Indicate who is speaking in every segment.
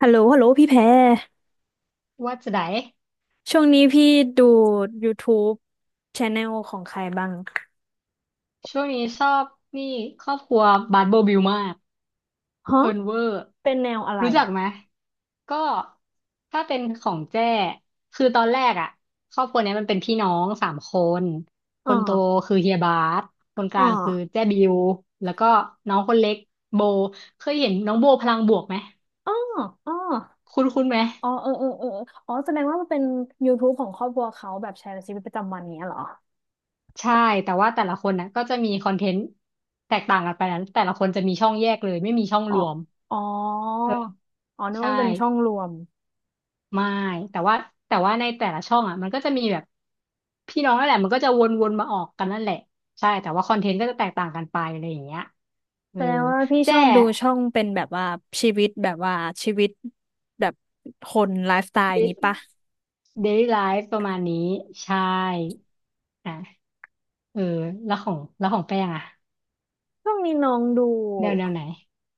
Speaker 1: ฮัลโหลฮัลโหลพี่แพร
Speaker 2: ว่าจะไหน
Speaker 1: ช่วงนี้พี่ดู YouTube Channel ของใครบ้าง
Speaker 2: ช่วงนี้ชอบนี่ครอบครัวบาร์โบบิลมาก
Speaker 1: ฮะ
Speaker 2: เพลิร์นเวอร์
Speaker 1: เป็นแนวอะไร
Speaker 2: รู้จัก
Speaker 1: อ่ะ
Speaker 2: ไหมก็ถ้าเป็นของแจ้คือตอนแรกอ่ะครอบครัวเนี้ยมันเป็นพี่น้องสามคนค
Speaker 1: อ๋อ
Speaker 2: นโตคือเฮียบาสคนก
Speaker 1: อ๋อ
Speaker 2: ลางคือแจ้บิวแล้วก็น้องคนเล็กโบเคยเห็นน้องโบพลังบวกไหม
Speaker 1: อ๋ออ๋อ
Speaker 2: คุ้นคุ้นไหม
Speaker 1: อ๋อเออเออเอออ๋อแสดงว่ามันเป็น YouTube ของครอบครัวเขาแบบแชร์ชีวิตประจำวันเนี้ยเหรอ
Speaker 2: ใช่แต่ว่าแต่ละคนนะก็จะมีคอนเทนต์แตกต่างกันไปนะแต่ละคนจะมีช่องแยกเลยไม่มีช่อง
Speaker 1: อ๋อ
Speaker 2: รวม
Speaker 1: อ๋อ
Speaker 2: เออ
Speaker 1: อ๋อนึกว่า
Speaker 2: ใช่
Speaker 1: มันเป็นช่องรวม
Speaker 2: ไม่แต่ว่าแต่ว่าในแต่ละช่องอ่ะมันก็จะมีแบบพี่น้องนั่นแหละมันก็จะวนๆมาออกกันนั่นแหละใช่แต่ว่าคอนเทนต์ก็จะแตกต่างกันไปอะไรอย่างเงี้ยเอ
Speaker 1: แส
Speaker 2: อ
Speaker 1: ดงว่าพี่ช
Speaker 2: แจ้
Speaker 1: อบดูช่องเป็นแบบว่าชีวิตแบบว่าชีวิตแบบคนไลฟ์สไตล์อย่างงี้
Speaker 2: เด
Speaker 1: ปะ
Speaker 2: ลี่ไลฟ์ประมาณนี้ใช่อ่ะเออแล้วของแป้งอ่ะ
Speaker 1: ช่วงนี้น้องดู
Speaker 2: แนวแนวไหน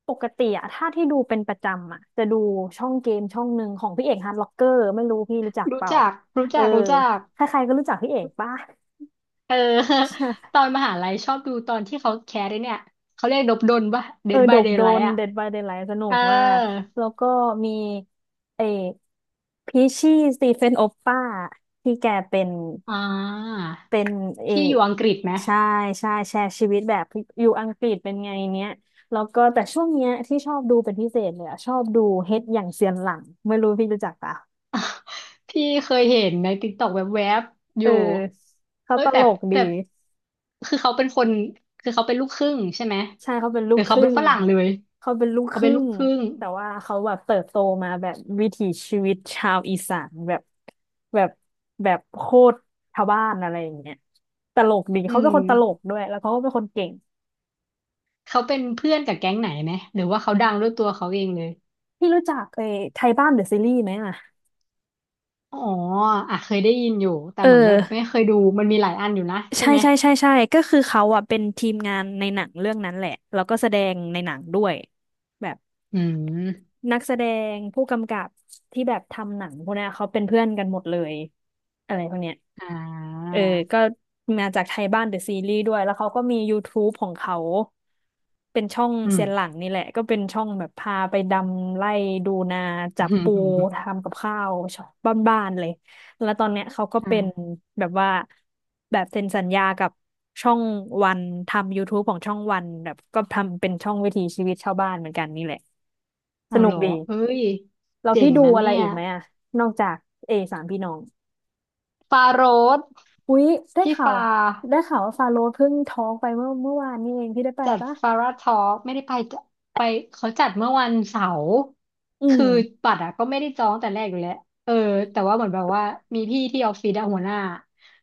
Speaker 1: ปกติอะถ้าที่ดูเป็นประจำอะจะดูช่องเกมช่องหนึ่งของพี่เอกฮาร์ดล็อกเกอร์ไม่รู้พี่รู้จักเป
Speaker 2: รู้
Speaker 1: ล่า
Speaker 2: จักรู้
Speaker 1: เออ
Speaker 2: จักรู้จัก
Speaker 1: ใครๆก็รู้จักพี่เอกป่ะ
Speaker 2: เออ ตอนมหาลัยชอบดูตอนที่เขาแคสไอ้เนี่ยเขาเรียกดบดลปะ
Speaker 1: เออ
Speaker 2: Dead
Speaker 1: โด
Speaker 2: by
Speaker 1: บโดน
Speaker 2: Daylight อ่ะ
Speaker 1: Dead by Daylight สนุ
Speaker 2: เออ
Speaker 1: กมากแล้วก็มีเอพีชี่สตีเฟนโอปป้าที่แกเป็น
Speaker 2: อ่า
Speaker 1: เป็นเออ
Speaker 2: พี่อยู่อังกฤษไหม
Speaker 1: ใช่ใช่แชร์ชีวิตแบบอยู่อังกฤษเป็นไงเนี้ยแล้วก็แต่ช่วงเนี้ยที่ชอบดูเป็นพิเศษเลยอะชอบดูเฮ็ดอย่างเซียนหลังไม่รู้พี่รู้จักปะ
Speaker 2: พี่เคยเห็นในติ๊กต็อกแวบๆอ
Speaker 1: เออ
Speaker 2: ยู่
Speaker 1: เขา
Speaker 2: เอ้
Speaker 1: ต
Speaker 2: ยแต่
Speaker 1: ลกดี
Speaker 2: แต่คือเขาเป็นคนคือเขาเป็นลูกครึ่งใช่ไหม
Speaker 1: ใช่เขาเป็นลู
Speaker 2: หรื
Speaker 1: ก
Speaker 2: อ
Speaker 1: ค
Speaker 2: เขา
Speaker 1: รึ่
Speaker 2: เป็น
Speaker 1: ง
Speaker 2: ฝรั่งเลย
Speaker 1: เขาเป็นลูกค
Speaker 2: เขาเป็
Speaker 1: รึ่
Speaker 2: นลูก
Speaker 1: ง
Speaker 2: ครึ่ง
Speaker 1: แต่ว่าเขาแบบเติบโตมาแบบวิถีชีวิตชาวอีสานแบบแบบแบบโคตรชาวบ้านอะไรอย่างเงี้ยตลกดี
Speaker 2: อื
Speaker 1: เขาเป็น
Speaker 2: ม
Speaker 1: คนตลกด้วยแล้วเขาก็เป็นคนเก่ง
Speaker 2: เขาเป็นเพื่อนกับแก๊งไหนไหมหรือว่าเขาดังด้วยตัวเขาเองเลย
Speaker 1: พี่รู้จักไอ้ไทยบ้านเดอะซีรีส์ไหมอ่ะ
Speaker 2: อ๋ออ่ะเคยได้ยินอยู่แต่
Speaker 1: เอ
Speaker 2: เหมือนแบบไม่
Speaker 1: อ
Speaker 2: เคยดูมันมีหลายอันอยู่นะใช่
Speaker 1: ใช่
Speaker 2: ไหม
Speaker 1: ใช่ใช่ใช่ก็คือเขาอ่ะเป็นทีมงานในหนังเรื่องนั้นแหละแล้วก็แสดงในหนังด้วยแบบ
Speaker 2: อืม
Speaker 1: นักแสดงผู้กำกับที่แบบทำหนังพวกเนี้ยเขาเป็นเพื่อนกันหมดเลยอะไรพวกเนี้ย
Speaker 2: อ่
Speaker 1: เอ
Speaker 2: า
Speaker 1: อก็มาจากไทยบ้านเดอะซีรีส์ด้วยแล้วเขาก็มี YouTube ของเขาเป็นช่อง
Speaker 2: อืม
Speaker 1: เซียนหลังนี่แหละก็เป็นช่องแบบพาไปดำไล่ดูนาจับปูทำกับข้าวชอบบ้านๆเลยแล้วตอนเนี้ยเขาก็
Speaker 2: อ่า
Speaker 1: เป็นแบบว่าแบบเซ็นสัญญากับช่องวันทำ YouTube ของช่องวันแบบก็ทำเป็นช่องวิถีชีวิตชาวบ้านเหมือนกันนี่แหละส
Speaker 2: เอา
Speaker 1: นุ
Speaker 2: เห
Speaker 1: ก
Speaker 2: รอ
Speaker 1: ดี
Speaker 2: เอ้ย
Speaker 1: เรา
Speaker 2: เจ๋
Speaker 1: พี่
Speaker 2: ง
Speaker 1: ดู
Speaker 2: นะ
Speaker 1: อะไร
Speaker 2: เนี่ย
Speaker 1: อีกไหมอะนอกจากเอสามพี่น้อง
Speaker 2: ฟาโรส
Speaker 1: อุ๊ยได้
Speaker 2: พี่
Speaker 1: ข่า
Speaker 2: ฟา
Speaker 1: วได้ข่าวว่าฟาโรห์เพิ่งท้องไปเมื่อวานนี่เองพี่ได้ไป
Speaker 2: จัด
Speaker 1: ปะ
Speaker 2: ฟาราทอล์ไม่ได้ไปเขาจัดเมื่อวันเสาร์
Speaker 1: อื
Speaker 2: คือ
Speaker 1: ม
Speaker 2: บัตรอะก็ไม่ได้จองแต่แรกอยู่แล้วเออแต่ว่าเหมือนแบบว่ามีพี่ที่ออฟฟิศอะหัวหน้า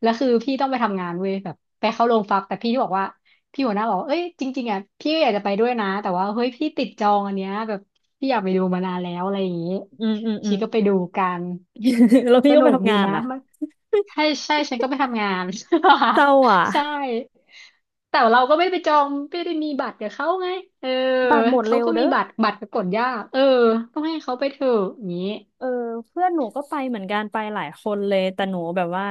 Speaker 2: แล้วคือพี่ต้องไปทำงานเว้ยแบบไปเข้าโรงฟักแต่พี่ที่บอกว่าพี่หัวหน้าบอกว่าเอ้ยจริงๆอะพี่ก็อยากจะไปด้วยนะแต่ว่าเฮ้ยพี่ติดจองอันเนี้ยแบบพี่อยากไปดูมานานแล้วอะไรอย่างงี้
Speaker 1: อืมอืมอื
Speaker 2: ชี
Speaker 1: ม
Speaker 2: ก็ไปดูกัน
Speaker 1: แล้ว
Speaker 2: ส
Speaker 1: พี่ก็ไป
Speaker 2: นุก
Speaker 1: ทำ
Speaker 2: ดี
Speaker 1: งาน
Speaker 2: นะ
Speaker 1: อ่ะ
Speaker 2: มันใช่ใช่ฉันก็ไปทำงาน
Speaker 1: เศร้าอ่ะ
Speaker 2: ใช่ แต่เราก็ไม่ได้ไปจองไม่ได้มีบัตรกับเขาไง เออ
Speaker 1: บัตรหมด
Speaker 2: เขา
Speaker 1: เร็ว
Speaker 2: ก็มี
Speaker 1: เด้อ
Speaker 2: บัตรบัตรก็กดยากเออต้องให้เขาไปเถอะอย่างนี้
Speaker 1: เออเพื่อนหนูก็ไปเหมือนกันไปหลายคนเลยแต่หนูแบบว่า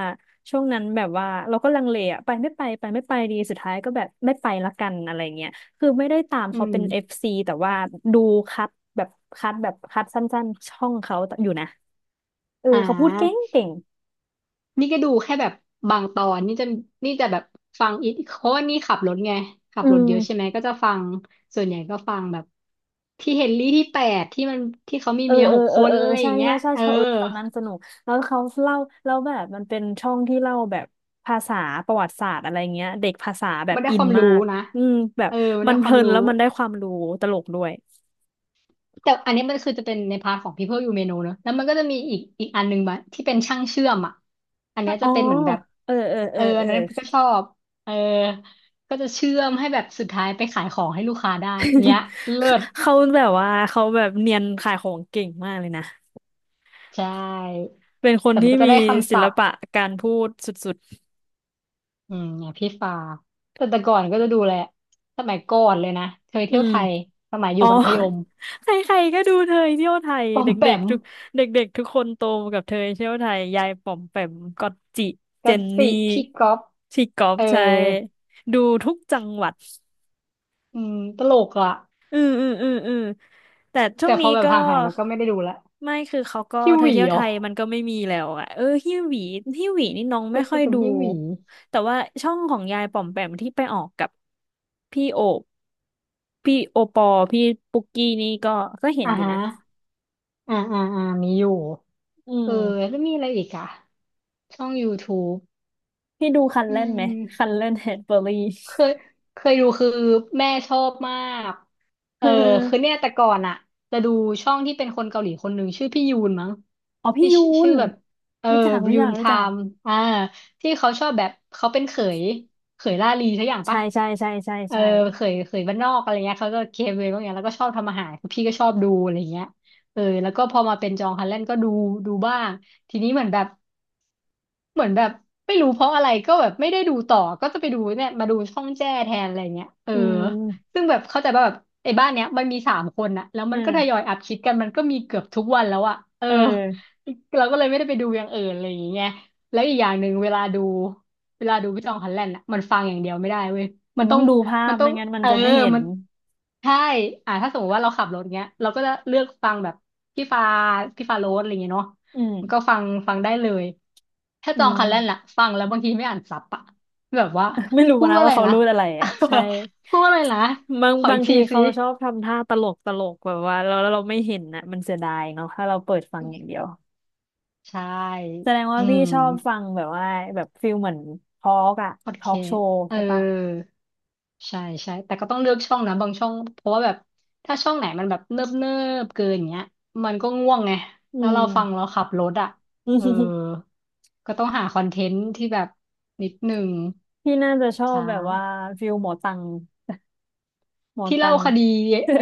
Speaker 1: ช่วงนั้นแบบว่าเราก็ลังเลอะไปไม่ไปไปไม่ไปดีสุดท้ายก็แบบไม่ไปละกันอะไรเงี้ยคือไม่ได้ตาม
Speaker 2: อื
Speaker 1: เขา
Speaker 2: ม
Speaker 1: เป็นเอฟซีแต่ว่าดูคัดแบบคัดแบบคัดสั้นๆช่องเขาอยู่นะ เออ
Speaker 2: อ่า
Speaker 1: เขาพูดเก่งเก่ง
Speaker 2: นี่ก็ดูแค่แบบบางตอนนี่จะแบบฟังอีกเพราะว่านี่ขับรถไงขับ
Speaker 1: อื
Speaker 2: รถ
Speaker 1: ม
Speaker 2: เยอะใช่ไหมก็จะฟังส่วนใหญ่ก็ฟังแบบที่เฮนรี่ที่แปดที่มันที่เขามี
Speaker 1: เออ
Speaker 2: เมีย
Speaker 1: เอ
Speaker 2: ห
Speaker 1: อ
Speaker 2: ก
Speaker 1: เอ
Speaker 2: ค
Speaker 1: อ
Speaker 2: น
Speaker 1: เออเอ
Speaker 2: อะ
Speaker 1: อ
Speaker 2: ไรอ
Speaker 1: ใช่
Speaker 2: ย่างเงี้
Speaker 1: ใช่
Speaker 2: ย
Speaker 1: ใช่
Speaker 2: เออ
Speaker 1: ชอบเออตอนนั้นสนุก แล้วเขาเล่าแล้วแบบมันเป็นช่องที่เล่าแบบภาษาประวัติศาสตร์อะไรเงี้ยเด็กภาษาแบบ
Speaker 2: มันได้
Speaker 1: อิ
Speaker 2: ค
Speaker 1: น
Speaker 2: วาม
Speaker 1: มา
Speaker 2: รู้
Speaker 1: ก
Speaker 2: นะ
Speaker 1: อืมแบบ
Speaker 2: เออมัน
Speaker 1: มั
Speaker 2: ได้
Speaker 1: นเพ
Speaker 2: ควา
Speaker 1: ลิ
Speaker 2: ม
Speaker 1: น
Speaker 2: รู้
Speaker 1: แล้วมันได้ความรู้ตลกด้วย
Speaker 2: แต่อันนี้มันคือจะเป็นในพาร์ทของ People You May Know เนอะแล้วมันก็จะมีอีกอันหนึ่งมาที่เป็นช่างเชื่อมอ่ะอันเนี้ย
Speaker 1: อ๋
Speaker 2: จะ
Speaker 1: อ
Speaker 2: เป็นเหมือนแบบ
Speaker 1: เออเออเอ
Speaker 2: เอ
Speaker 1: อ
Speaker 2: ออั
Speaker 1: เอ
Speaker 2: น
Speaker 1: อ
Speaker 2: นั้นก็ชอบเออก็จะเชื่อมให้แบบสุดท้ายไปขายของให้ลูกค้าได้อย่างเงี้ย เลิศ
Speaker 1: เขาแบบว่าเขาแบบเนียนขายของเก่งมากเลยนะ
Speaker 2: ใช่
Speaker 1: เป็นคน
Speaker 2: แต่มั
Speaker 1: ที่
Speaker 2: นก็จะ
Speaker 1: มี
Speaker 2: ได้คำ
Speaker 1: ศิ
Speaker 2: ศั
Speaker 1: ล
Speaker 2: พท์
Speaker 1: ปะการพูดสุด
Speaker 2: อืมอย่างพี่ฟ้าแต่ก่อนก็จะดูแหละสมัยก่อนเลยนะเคย
Speaker 1: ๆอื
Speaker 2: เที่ยว
Speaker 1: ม
Speaker 2: ไทยสมัยอ
Speaker 1: อ๋
Speaker 2: ยู่
Speaker 1: อ
Speaker 2: มัธยม
Speaker 1: ใครๆก็ดูเธอเที่ยวไทย
Speaker 2: ปอ
Speaker 1: เด
Speaker 2: มแป
Speaker 1: ็ก
Speaker 2: ม
Speaker 1: ๆทุกเด็กๆทุกคนโตมากับเธอเที่ยวไทยยายป๋อมแปมก๊อตจิเจ
Speaker 2: กัน
Speaker 1: น
Speaker 2: สิ
Speaker 1: นี่
Speaker 2: พี่ก๊อฟ
Speaker 1: ชีกอบ
Speaker 2: เออ
Speaker 1: ใช่ดูทุกจังหวัด
Speaker 2: อืมตลกอ่ะ
Speaker 1: อืมอืมอืมอืมแต่ช่วง
Speaker 2: แต่พ
Speaker 1: นี้
Speaker 2: อแบบ
Speaker 1: ก็
Speaker 2: ห่างหายมันก็ไม่ได้ดูละ
Speaker 1: ไม่คือเขาก็
Speaker 2: ฮิว
Speaker 1: เธ
Speaker 2: ห
Speaker 1: อ
Speaker 2: วี
Speaker 1: เที่ยวไท
Speaker 2: อ๋อ
Speaker 1: ยมันก็ไม่มีแล้วอะเออฮิวหวีฮิวหวีนี่น้อง
Speaker 2: ก็
Speaker 1: ไม่ค่
Speaker 2: จะ
Speaker 1: อย
Speaker 2: เป็น
Speaker 1: ดู
Speaker 2: ฮิวหวี
Speaker 1: แต่ว่าช่องของยายป๋อมแปมที่ไปออกกับพี่โอบพี่โอปอพี่ปุกกี้นี่ก็เห็น
Speaker 2: อ่า
Speaker 1: อยู่
Speaker 2: ฮะ
Speaker 1: นะ
Speaker 2: อ่าอ่าอ่ามีอยู่
Speaker 1: อื
Speaker 2: เออ
Speaker 1: ม
Speaker 2: แล้วมีอะไรอีกอ่ะช่อง YouTube
Speaker 1: พี่ดูคัน
Speaker 2: อื
Speaker 1: เล่นไหม
Speaker 2: ม
Speaker 1: คันเล่นแฮดเบอร์รี่
Speaker 2: เคยเคยดูคือแม่ชอบมาก
Speaker 1: เ
Speaker 2: เออคือ
Speaker 1: ออ
Speaker 2: เนี่ยแต่ก่อนอะจะดูช่องที่เป็นคนเกาหลีคนหนึ่งชื่อพี่ยูนมั้ง
Speaker 1: อ๋อพี่
Speaker 2: ที่
Speaker 1: ยู
Speaker 2: ชื่อชื่
Speaker 1: น
Speaker 2: อแบบเออ
Speaker 1: รู้จักรู้
Speaker 2: ยู
Speaker 1: จั
Speaker 2: น
Speaker 1: ก
Speaker 2: ไท
Speaker 1: รู้จัก
Speaker 2: ม์อ่าที่เขาชอบแบบเขาเป็นเขยเขยล่าลีทุกอย่าง
Speaker 1: ใช่
Speaker 2: ปะ
Speaker 1: ใช่ใช่ใช่
Speaker 2: เออ
Speaker 1: ใช่
Speaker 2: เขยเขยบ้านนอกอะไรเงี้ยเขาก็เกเวพวกเนี้ยแล้วก็ชอบทำอาหารคือพี่ก็ชอบดูอะไรเงี้ยเออแล้วก็พอมาเป็นจองฮันแลนด์ก็ดูบ้าง ทีนี้เหมือนแบบไม่รู้เพราะอะไรก็แบบไม่ได้ดูต่อก็จะไปดูเนี่ยมาดูช่องแจ้แทนอะไรเงี้ยเออ
Speaker 1: อืม
Speaker 2: ซึ่งแบบเข้าใจว่าแบบไอ้บ้านเนี้ยมันมีสามคนอะแล้ว
Speaker 1: เอ
Speaker 2: มั
Speaker 1: อ
Speaker 2: นก็ทยอยอัพคลิปกันมันก็มีเกือบทุกวันแล้วอะเออ
Speaker 1: เออ
Speaker 2: เราก็เลยไม่ได้ไปดูอย่างอื่นอะไรอย่างเงี้ยแล้วอีกอย่างหนึ่งเวลาดูพี่จองฮันแลนด์อะมันฟังอย่างเดียวไม่ได้เว้ย
Speaker 1: มั
Speaker 2: มัน
Speaker 1: นต้
Speaker 2: ต้
Speaker 1: อ
Speaker 2: อ
Speaker 1: ง
Speaker 2: ง
Speaker 1: ดูภา
Speaker 2: มั
Speaker 1: พ
Speaker 2: นต้อ
Speaker 1: ไม่
Speaker 2: ง
Speaker 1: งั้นมัน
Speaker 2: เออ
Speaker 1: จะไม่เห็น
Speaker 2: มันใช่อ่าถ้าสมมติว่าเราขับรถเงี้ยเราก็จะเลือกฟังแบบพี่ฟ้าพี่ฟ้าโรสอะไรเงี้ยเนาะ
Speaker 1: อืม
Speaker 2: ก็ฟังได้เลย ถ้า
Speaker 1: อื
Speaker 2: จอง
Speaker 1: ม
Speaker 2: คันแรกล่ะฟังแล้วบางทีไม่อ่านซับอะแบบว่า
Speaker 1: ไม่รู้
Speaker 2: พูด
Speaker 1: นะ
Speaker 2: ว่าอะ
Speaker 1: ว่า
Speaker 2: ไร
Speaker 1: เขา
Speaker 2: นะ
Speaker 1: รูดอะไรอ่ะใช่
Speaker 2: พูดว่าอะไรนะ
Speaker 1: บาง
Speaker 2: ขอ
Speaker 1: บา
Speaker 2: อี
Speaker 1: ง
Speaker 2: ก
Speaker 1: ที
Speaker 2: ทีสิ
Speaker 1: เขาชอบทำท่าตลกตลกแบบว่าเราเราไม่เห็นนะมันเสียดายเนาะถ้าเราเปิดฟังอย่างเดียว
Speaker 2: ใช่
Speaker 1: แสดงว่า
Speaker 2: อื
Speaker 1: พี่
Speaker 2: ม
Speaker 1: ชอบฟังแบบว่าแบบฟิลเหมือนทอล์กอะ
Speaker 2: โอ
Speaker 1: ท
Speaker 2: เค
Speaker 1: อล์กโช
Speaker 2: สต์
Speaker 1: ว์
Speaker 2: เอ
Speaker 1: ใช่ปะ
Speaker 2: อใช่ใช่ แต่ก็ต้องเลือกช่องนะบางช่อง เพราะว่าแบบถ้าช่องไหนมันแบบเนิบเนิบเกินอย่างเงี้ยมันก็ง่วงไง
Speaker 1: อื
Speaker 2: แล้วเรา
Speaker 1: ม
Speaker 2: ฟังเราขับรถอ่ะเออ ก็ต้องหาคอนเทนต์ที่แบบนิดหนึ่ง
Speaker 1: พี่น่าจะชอบ
Speaker 2: ใช่
Speaker 1: แบบว่าฟิลหมอตังหมอ
Speaker 2: ที่
Speaker 1: ตั
Speaker 2: เล่า
Speaker 1: ง
Speaker 2: คดี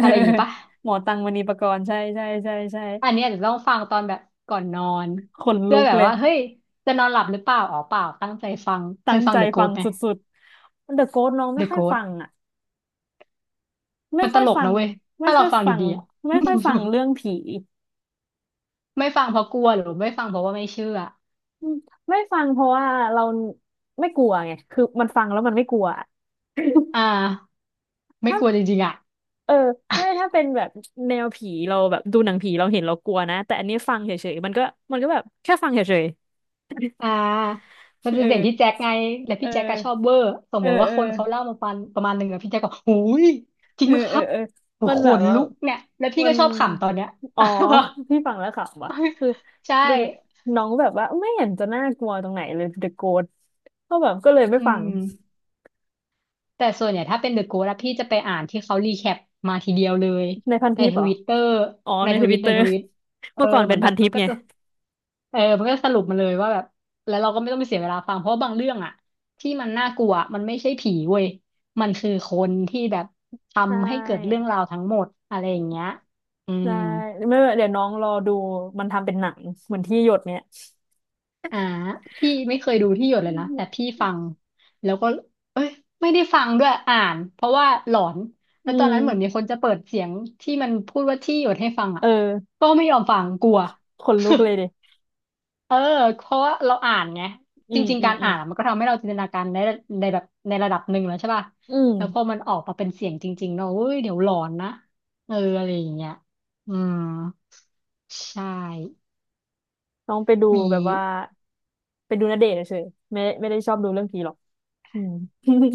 Speaker 2: อะไรอย่างงี้ปะ
Speaker 1: หมอตังมณีปกรณ์ใช่ใช่ใช่ใช่
Speaker 2: อันเนี้อาจยวต้องฟังตอนแบบก่อนนอน
Speaker 1: ขน
Speaker 2: เพื่
Speaker 1: ลุ
Speaker 2: อ
Speaker 1: ก
Speaker 2: แบบ
Speaker 1: เลย
Speaker 2: ว่าเฮ้ยจะนอนหลับหรือเปล่าอ๋อเปล่าตั้งใจฟังเค
Speaker 1: ตั้
Speaker 2: ย
Speaker 1: ง
Speaker 2: ฟัง
Speaker 1: ใจ
Speaker 2: The
Speaker 1: ฟัง
Speaker 2: Ghost ไหม
Speaker 1: สุดๆเดอะโก t น้องไม่
Speaker 2: The
Speaker 1: ค่อยฟั
Speaker 2: Ghost
Speaker 1: งอ่ะไม่
Speaker 2: มันต
Speaker 1: ค่อย
Speaker 2: ลก
Speaker 1: ฟั
Speaker 2: นะ
Speaker 1: ง
Speaker 2: เว้ย
Speaker 1: ไม่
Speaker 2: ถ้า
Speaker 1: ค่
Speaker 2: เรา
Speaker 1: อย
Speaker 2: ฟัง
Speaker 1: ฟัง
Speaker 2: ดีๆอะ
Speaker 1: ไม่ค่อยฟังเรื่องผี
Speaker 2: ไม่ฟังเพราะกลัวหรือไม่ฟังเพราะว่าไม่เชื่อ
Speaker 1: อืมไม่ฟังเพราะว่าเราไม่กลัวไงคือมันฟังแล้วมันไม่กลัวอะ
Speaker 2: อ่าไม่
Speaker 1: ถ้า
Speaker 2: กลัวจริงๆอ่ะ
Speaker 1: เออไม่ถ้าเป็นแบบแนวผีเราแบบดูหนังผีเราเห็นเรากลัวนะแต่อันนี้ฟังเฉยๆมันก็มันก็แบบแค่ฟังเฉย
Speaker 2: อ่ามัน
Speaker 1: ๆ
Speaker 2: เป็
Speaker 1: เอ
Speaker 2: นเสีย
Speaker 1: อ
Speaker 2: งพี่แจ็คไงและ
Speaker 1: เอ
Speaker 2: พี่แจ็คก็
Speaker 1: อ
Speaker 2: ชอบเวอร์สม
Speaker 1: เอ
Speaker 2: ม
Speaker 1: อ
Speaker 2: ติว่า
Speaker 1: เออ
Speaker 2: คนเขาเล่ามาปัะประมาณหนึ่งอะพี่แจ็คก็หูยจริ
Speaker 1: เอ
Speaker 2: ง
Speaker 1: อ
Speaker 2: ไหมค
Speaker 1: เออ
Speaker 2: รับ
Speaker 1: เออ
Speaker 2: โอ้
Speaker 1: มัน
Speaker 2: โหข
Speaker 1: แบบ
Speaker 2: น
Speaker 1: ว่า
Speaker 2: ลุกเนี่ยแล้วพี่
Speaker 1: มั
Speaker 2: ก็
Speaker 1: น
Speaker 2: ชอบขำตอนเนี้ย
Speaker 1: อ๋อ พี่ฟังแล้วขำว่ะคือ
Speaker 2: ใช่
Speaker 1: คือน้องแบบว่าไม่เห็นจะน่ากลัวตรงไหนเลย The Ghost ก็แบบก็เลย
Speaker 2: อื
Speaker 1: ไม่ฟัง
Speaker 2: ม แต่ส่วนใหญ่ถ้าเป็น The Good อะพี่จะไปอ่านที่เขารีแคปมาทีเดียวเลย
Speaker 1: ในพัน
Speaker 2: ใน
Speaker 1: ทิป
Speaker 2: ท
Speaker 1: เหรอ
Speaker 2: วิตเตอร์
Speaker 1: อ๋อ
Speaker 2: ใน
Speaker 1: ใน
Speaker 2: ท
Speaker 1: ท
Speaker 2: วิ
Speaker 1: วิ
Speaker 2: ต
Speaker 1: ตเต
Speaker 2: ใน
Speaker 1: อร์
Speaker 2: ทวิต เออ
Speaker 1: เมื่อก่อน
Speaker 2: เห
Speaker 1: เป็
Speaker 2: มือ
Speaker 1: น
Speaker 2: นแบ
Speaker 1: พัน
Speaker 2: บ
Speaker 1: ทิ
Speaker 2: มั
Speaker 1: ป
Speaker 2: นก็
Speaker 1: ไง
Speaker 2: จะเออมันก็สรุปมาเลยว่าแบบแล้วเราก็ไม่ต้องไปเสียเวลาฟังเพราะว่าบางเรื่องอะที่มันน่ากลัวมันไม่ใช่ผีเว้ยมันคือคนที่แบบ
Speaker 1: ใช
Speaker 2: ทำให้เกิดเรื่อง
Speaker 1: ่
Speaker 2: ราวทั้งหมดอะไรอย่างเงี้ยอืม
Speaker 1: ใช่ไม่เป็นไรเดี๋ยวน้องรอดูมันทำเป็นหนังเหมือนที่หยดเนี่ย
Speaker 2: อ่าพี่ไม่เคยดูที่หยด
Speaker 1: อื
Speaker 2: เลยนะ
Speaker 1: ม
Speaker 2: แต่พี่ฟังแล้วก็ ไม่ได้ฟังด้วยอ่านเพราะว่าหลอน
Speaker 1: อื
Speaker 2: แล้วตอนนั้นเหมือนมีค
Speaker 1: ม
Speaker 2: นจะเปิดเสียงที่มันพูดว่าที่หยดให้ฟังอ่ะ
Speaker 1: เออ
Speaker 2: ก็ไม่ยอมฟังกลัว
Speaker 1: ขนลุกเลยดิ
Speaker 2: เออเพราะว่าเราอ่านไง
Speaker 1: อื
Speaker 2: จ
Speaker 1: ม
Speaker 2: ริง
Speaker 1: อื
Speaker 2: ๆกา
Speaker 1: ม
Speaker 2: ร
Speaker 1: อื
Speaker 2: อ่า
Speaker 1: ม
Speaker 2: นมันก็ทำให้เราจินตนาการในในแบบในระดับหนึ่งแล้วใช่ป่ะ
Speaker 1: อืม
Speaker 2: แล้วพอมันออกมาเป็นเสียงจริงๆเนาะเฮ้ยเดี๋ยวหลอนนะเอออะไรอย่างเงี้ยอืมใช่
Speaker 1: น้องไปดู
Speaker 2: มี
Speaker 1: แบบว่าไปดูณเดชน์เฉยๆไม่ได้ชอบดูเรื่องผีหรอก อืม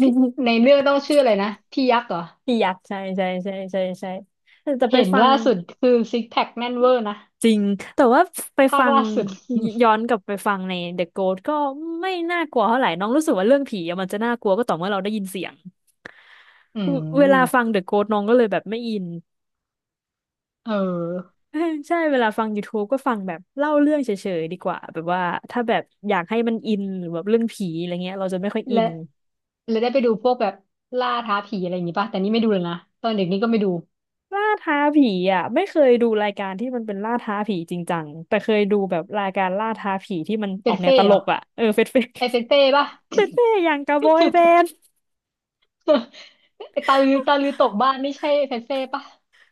Speaker 2: พี่ ในเรื่องต้องชื่ออะไรนะพี่ยักษ์เหรอ
Speaker 1: พี่ยักษ์ใช่ใช่ใช่ใช่ใช่แต่ไป
Speaker 2: เห็น
Speaker 1: ฟัง
Speaker 2: ล่าสุดคือซิกแพคแน่นเวอร์นะ
Speaker 1: จริงแต่ว่าไป
Speaker 2: ภา
Speaker 1: ฟั
Speaker 2: ค
Speaker 1: ง
Speaker 2: ล่าสุด
Speaker 1: ย้อนกลับไปฟังใน The Ghost ก็ไม่น่ากลัวเท่าไหร่น้องรู้สึกว่าเรื่องผีอะมันจะน่ากลัวก็ต่อเมื่อเราได้ยินเสียง
Speaker 2: อื
Speaker 1: เวลาฟั
Speaker 2: ม
Speaker 1: ง The Ghost น้องก็เลยแบบไม่อิน
Speaker 2: เออ
Speaker 1: ใช่เวลาฟัง YouTube ก็ฟังแบบเล่าเรื่องเฉยๆดีกว่าแบบว่าถ้าแบบอยากให้มันอินหรือแบบเรื่องผีอะไรเงี้ยเราจะไม่ค่อยอิ
Speaker 2: และ
Speaker 1: น
Speaker 2: และได้ไปดูพวกแบบล่าท้าผีอะไรอย่างงี้ป่ะแต่นี่ไม่ดูเลยนะตอนเด็กนี่ก็ไม่ดู
Speaker 1: ล่าท้าผีอ่ะไม่เคยดูรายการที่มันเป็นล่าท้าผีจริงจังแต่เคยดูแบบรายการล่าท้าผีที่มันอ
Speaker 2: เป็
Speaker 1: อ
Speaker 2: น
Speaker 1: กแนว
Speaker 2: เฟ่
Speaker 1: ต
Speaker 2: เห
Speaker 1: ล
Speaker 2: รอ
Speaker 1: กอ่ะเออเฟดเฟด
Speaker 2: ไอเฟนเฟ่ป่ะ
Speaker 1: เฟดเฟดอย่างกะบบอยแบนด์
Speaker 2: ไอตาลือตาลือตกบ้านไม่ใช่เฟนเฟ่ป่ะ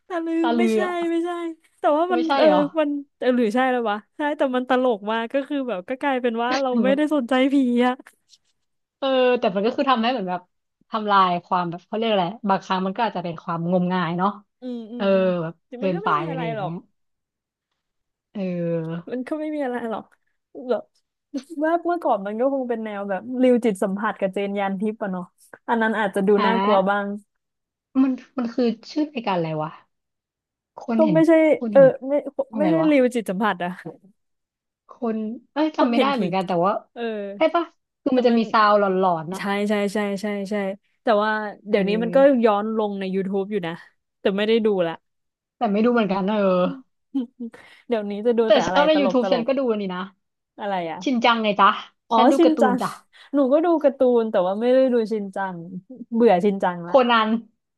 Speaker 1: แต่ลืม
Speaker 2: ตาลื
Speaker 1: ไม่
Speaker 2: อ
Speaker 1: ใช่
Speaker 2: อะ
Speaker 1: ไม่ใช่แต่ว่ามั
Speaker 2: ไม่
Speaker 1: น
Speaker 2: ใช่
Speaker 1: เออ
Speaker 2: เหรอ
Speaker 1: มันเออหรือใช่แล้ววะใช่แต่มันตลกมากก็คือแบบก็กลายเป็นว่าเราไม่ได้สนใจผีอ่ะ
Speaker 2: เออแต่มันก็คือทำให้เหมือนแบบทำลายความแบบเขาเรียกอะไรบางครั้งมันก็อาจจะเป็นความงมงายเนาะ
Speaker 1: อืมอื
Speaker 2: เอ
Speaker 1: ม
Speaker 2: อ
Speaker 1: อืม
Speaker 2: แบบ
Speaker 1: แต่
Speaker 2: เกิ
Speaker 1: มัน
Speaker 2: น
Speaker 1: ก็
Speaker 2: ไป
Speaker 1: ไม่มีอะ
Speaker 2: อะ
Speaker 1: ไร
Speaker 2: ไรอย่า
Speaker 1: หร
Speaker 2: ง
Speaker 1: อก
Speaker 2: เงี้ยเออ
Speaker 1: มันก็ไม่มีอะไรหรอกแบบว่าเมื่อก่อนมันก็คงเป็นแนวแบบริวจิตสัมผัสกับเจนยานทิพย์อะเนาะอันนั้นอาจจะดู
Speaker 2: อ่ะ
Speaker 1: น่ากลัวบ้าง
Speaker 2: มันมันคือชื่อรายการอะไรวะ คน
Speaker 1: ก็
Speaker 2: เห็น
Speaker 1: ไม่ใช่
Speaker 2: คน
Speaker 1: เออ
Speaker 2: เห็น
Speaker 1: ไม่
Speaker 2: อะ
Speaker 1: ไม่
Speaker 2: ไร
Speaker 1: ใช่
Speaker 2: วะ
Speaker 1: ริวจิตสัมผัสอะ
Speaker 2: คนเอ้ย
Speaker 1: คน
Speaker 2: จำไม่
Speaker 1: เห็
Speaker 2: ได้
Speaker 1: น
Speaker 2: เหมื
Speaker 1: ผี
Speaker 2: อนกันแต่ว่า
Speaker 1: เออ
Speaker 2: ใช่ปะคือ
Speaker 1: แต่
Speaker 2: มันจะ
Speaker 1: มัน
Speaker 2: มีซาวด์หลอนๆน่ะ
Speaker 1: ใช่ใช่ใช่ใช่ใช่แต่ว่า
Speaker 2: เ
Speaker 1: เดี๋ยวนี้มันก็
Speaker 2: ออ
Speaker 1: ย้อนลงใน YouTube อยู่นะแต่ไม่ได้ดูละ
Speaker 2: แต่ไม่ดูเหมือนกันเออ
Speaker 1: เดี๋ยวนี้จะดู
Speaker 2: แต่
Speaker 1: แต่
Speaker 2: ช
Speaker 1: อะไร
Speaker 2: อบใน
Speaker 1: ตลกต
Speaker 2: YouTube
Speaker 1: ล
Speaker 2: ฉัน
Speaker 1: ก
Speaker 2: ก็ดูอันนี่นะ
Speaker 1: อะไร
Speaker 2: ชิน
Speaker 1: อะ
Speaker 2: จังไงจ๊ะ
Speaker 1: อ๋อ
Speaker 2: ฉันดู
Speaker 1: ชิน
Speaker 2: การ์ตู
Speaker 1: จั
Speaker 2: น
Speaker 1: ง
Speaker 2: จ้ะ
Speaker 1: หนูก็ดูการ์ตูนแต่ว่าไม่ได้ดูชินจังเบื่อชินจัง
Speaker 2: โค
Speaker 1: ละ
Speaker 2: นัน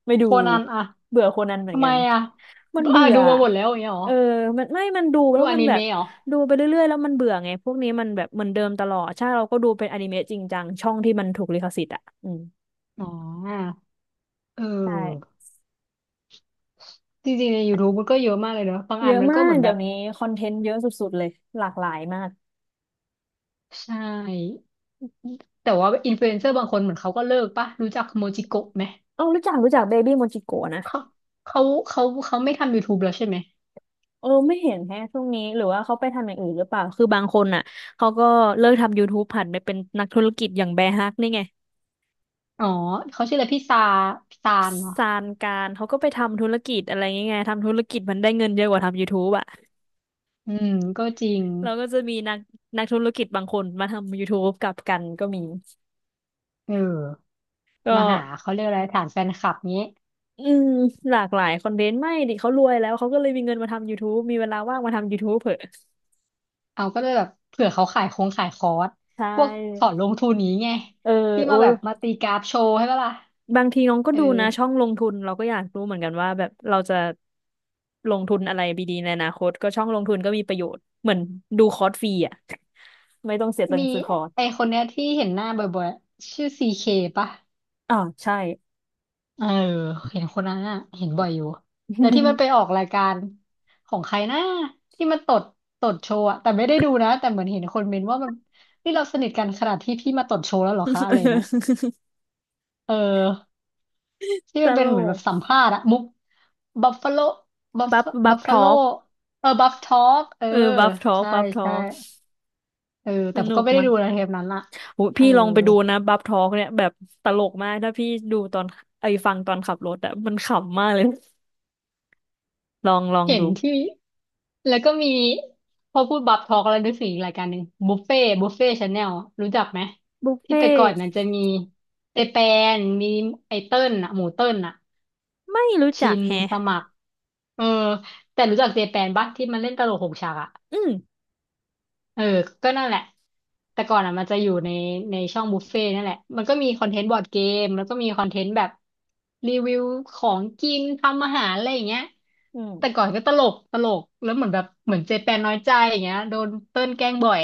Speaker 1: ไม่ดู
Speaker 2: โคนันอะ
Speaker 1: เบื่อโคนันเหมือน
Speaker 2: ทำ
Speaker 1: กั
Speaker 2: ไม
Speaker 1: น
Speaker 2: อะ
Speaker 1: มัน
Speaker 2: อ่ะ
Speaker 1: เบื่อ
Speaker 2: ดูมาหมดแล้วอย่างเงี้ยเหร
Speaker 1: เอ
Speaker 2: อ
Speaker 1: อมันดูแล้
Speaker 2: ดู
Speaker 1: ว
Speaker 2: อ
Speaker 1: มัน
Speaker 2: นิ
Speaker 1: แบบ
Speaker 2: เมะเหรอ
Speaker 1: ดูไปเรื่อยๆแล้วมันเบื่อไงพวกนี้มันแบบเหมือนเดิมตลอดใช่เราก็ดูเป็นอนิเมะจริงจังช่องที่มันถูกลิขสิทธิ์อ่ะอืม
Speaker 2: อ๋อเออ
Speaker 1: ใช่
Speaker 2: จริงๆใน YouTube มันก็เยอะมากเลยเนอะบาง
Speaker 1: เย
Speaker 2: อัน
Speaker 1: อะ
Speaker 2: มัน
Speaker 1: มา
Speaker 2: ก็เห
Speaker 1: ก
Speaker 2: มือน
Speaker 1: เดี๋
Speaker 2: แบ
Speaker 1: ย
Speaker 2: บ
Speaker 1: วนี้คอนเทนต์เยอะสุดๆเลยหลากหลายมาก
Speaker 2: ใช่ แต่ว่าอินฟลูเอนเซอร์บางคนเหมือนเขาก็เลิกปะรู้จักโมจิโกะไหม
Speaker 1: เอ้ารู้จักรู้จักเบบี้โม j จิโกะนะ
Speaker 2: เขาเขาเขาไม่ทำ YouTube แล้วใช่ไหม
Speaker 1: เออไม่เห็นแฮะช่วงนี้หรือว่าเขาไปทำอย่างอื่นหรือเปล่าคือบางคนอ่ะเขาก็เลิกทำ YouTube ผันไปเป็นนักธุรกิจอย่างแบร์ฮักนี่ไง
Speaker 2: อ๋อเขาชื่ออะไรพี่ซาพี่ซานเหรอ
Speaker 1: ซานการเขาก็ไปทำธุรกิจอะไรเงี้ยไงทำธุรกิจมันได้เงินเยอะกว่าทำ YouTube อ่ะ
Speaker 2: อืมก็จริง
Speaker 1: เราก็จะมีนักธุรกิจบางคนมาทำ YouTube กลับกันก็มี
Speaker 2: เออ
Speaker 1: ก็
Speaker 2: มาหาเขาเรียกอะไรฐานแฟนคลับนี้
Speaker 1: อืมหลากหลายคอนเทนต์ไม่ดิเขารวยแล้วเขาก็เลยมีเงินมาทำ YouTube มีเวลาว่างมาทำ YouTube เผอะ
Speaker 2: เอาก็เลยแบบเผื่อเขาขายคงขายคอร์ส
Speaker 1: ใช
Speaker 2: พวกสอ
Speaker 1: ่
Speaker 2: นลงทุนนี้ไง
Speaker 1: เออ
Speaker 2: ที่
Speaker 1: โอ้
Speaker 2: มาแบบมาตีกราฟโชว์ให้ปะล่ะ
Speaker 1: บางทีน้องก็
Speaker 2: เออ
Speaker 1: ดูนะช่องลงทุนเราก็อยากรู้เหมือนกันว่าแบบเราจะลงทุนอะไรดีๆในอนาคตก็ช่องลงทุนก็มีประโยชน์เหมือนดูคอร์สฟรีอ่ะ ไม่ต้องเสียตัง
Speaker 2: มี
Speaker 1: ค์ซื้อคอร์ส
Speaker 2: ไอคนเนี้ยที่เห็นหน้าบ่อยๆชื่อซีเคปะ
Speaker 1: อ่าใช่
Speaker 2: เออเห็นคนนั้นอ่ะเห็นบ่อยอยู่แล้วที่มันไปออกรายการของใครนะที่มันตดตดโชว์อะแต่ไม่ได้ดูนะแต่เหมือนเห็นคนเมนว่ามันนี่เราสนิทกันขนาดที่พี่มาตดโชว์แล้วเหรอคะอะไรเนี้ย เออที่
Speaker 1: ต
Speaker 2: มันเป็
Speaker 1: ล
Speaker 2: นเหมือนแบ
Speaker 1: ก
Speaker 2: บสัมภาษณ์อะมุกบัฟฟาโลบัฟ
Speaker 1: บัฟบั
Speaker 2: บั
Speaker 1: ฟ
Speaker 2: ฟ
Speaker 1: ท
Speaker 2: ฟาโล
Speaker 1: อล์ก
Speaker 2: เออบัฟทอกเออ
Speaker 1: เออบัฟทอล์ก
Speaker 2: ใช่
Speaker 1: บัฟทอ
Speaker 2: ใช่
Speaker 1: ล์ก
Speaker 2: เออ
Speaker 1: ส
Speaker 2: แต่
Speaker 1: นุ
Speaker 2: ก็
Speaker 1: ก
Speaker 2: ไม่ได้
Speaker 1: มาก
Speaker 2: ดูนะเทปนั้นอะ
Speaker 1: โห
Speaker 2: เอ
Speaker 1: พี่
Speaker 2: อ
Speaker 1: ลองไปดูนะบัฟทอล์กเนี่ยแบบตลกมากถ้าพี่ดูตอนไอ้ฟังตอนขับรถอะมันขำมากเลย ลองลอง
Speaker 2: เห็น
Speaker 1: ดู
Speaker 2: ที่แล้วก็มีพอพูดบับทอกแล้วนึกถึงอีกรายการหนึ่งบุฟเฟ่บุฟเฟ่ชาแนลรู้จักไหม
Speaker 1: บุฟ
Speaker 2: ที่
Speaker 1: เฟ่
Speaker 2: แต่ก่อนมันจะมีเจแปนมีไอเติ้ลน่ะหมูเติ้ลน่ะ
Speaker 1: ไม่รู้
Speaker 2: ชิ
Speaker 1: จัก
Speaker 2: น
Speaker 1: แฮะ
Speaker 2: สมัครเออแต่รู้จักเจแปนปะที่มันเล่นตลกหกฉากอะ
Speaker 1: อืม
Speaker 2: เออ ก็นั่นแหละแต่ก่อนอ่ะมันจะอยู่ในช่องบุฟเฟ่ต์นั่นแหละมันก็มีคอนเทนต์บอร์ดเกมแล้วก็มีคอนเทนต์แบบรีวิวของกินทำอาหารอะไรอย่างเงี้ย
Speaker 1: อืม
Speaker 2: แต่ก่อนก็ตลกตลกแล้วเหมือนแบบเหมือนเจแปนน้อยใจอย่างเงี้ยโดนเติ้นแกล้งบ่อย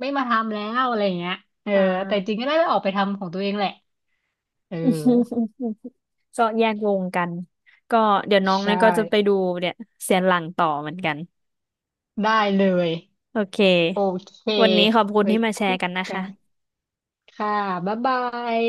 Speaker 2: ไม่มาทำแล้วอะไรอย่างเงี้ยเออ
Speaker 1: อ่า
Speaker 2: แต่จริงก็ได้ไปออกไปทำของตัวเองแหละ เออ
Speaker 1: ก็แยกวงกัน ก็เดี๋ยวน้องเนี่
Speaker 2: ใช่
Speaker 1: ยก็จะไปดูเนี่ยเสียนหลังต่อเหมือนกัน
Speaker 2: ได้เลย
Speaker 1: โอเค
Speaker 2: โอเค
Speaker 1: วันนี้ขอบคุณ
Speaker 2: ไว้
Speaker 1: ที่มาแช
Speaker 2: คุ
Speaker 1: ร์
Speaker 2: ย
Speaker 1: กันนะ
Speaker 2: กัน
Speaker 1: คะ
Speaker 2: ค่ะบ๊ายบาย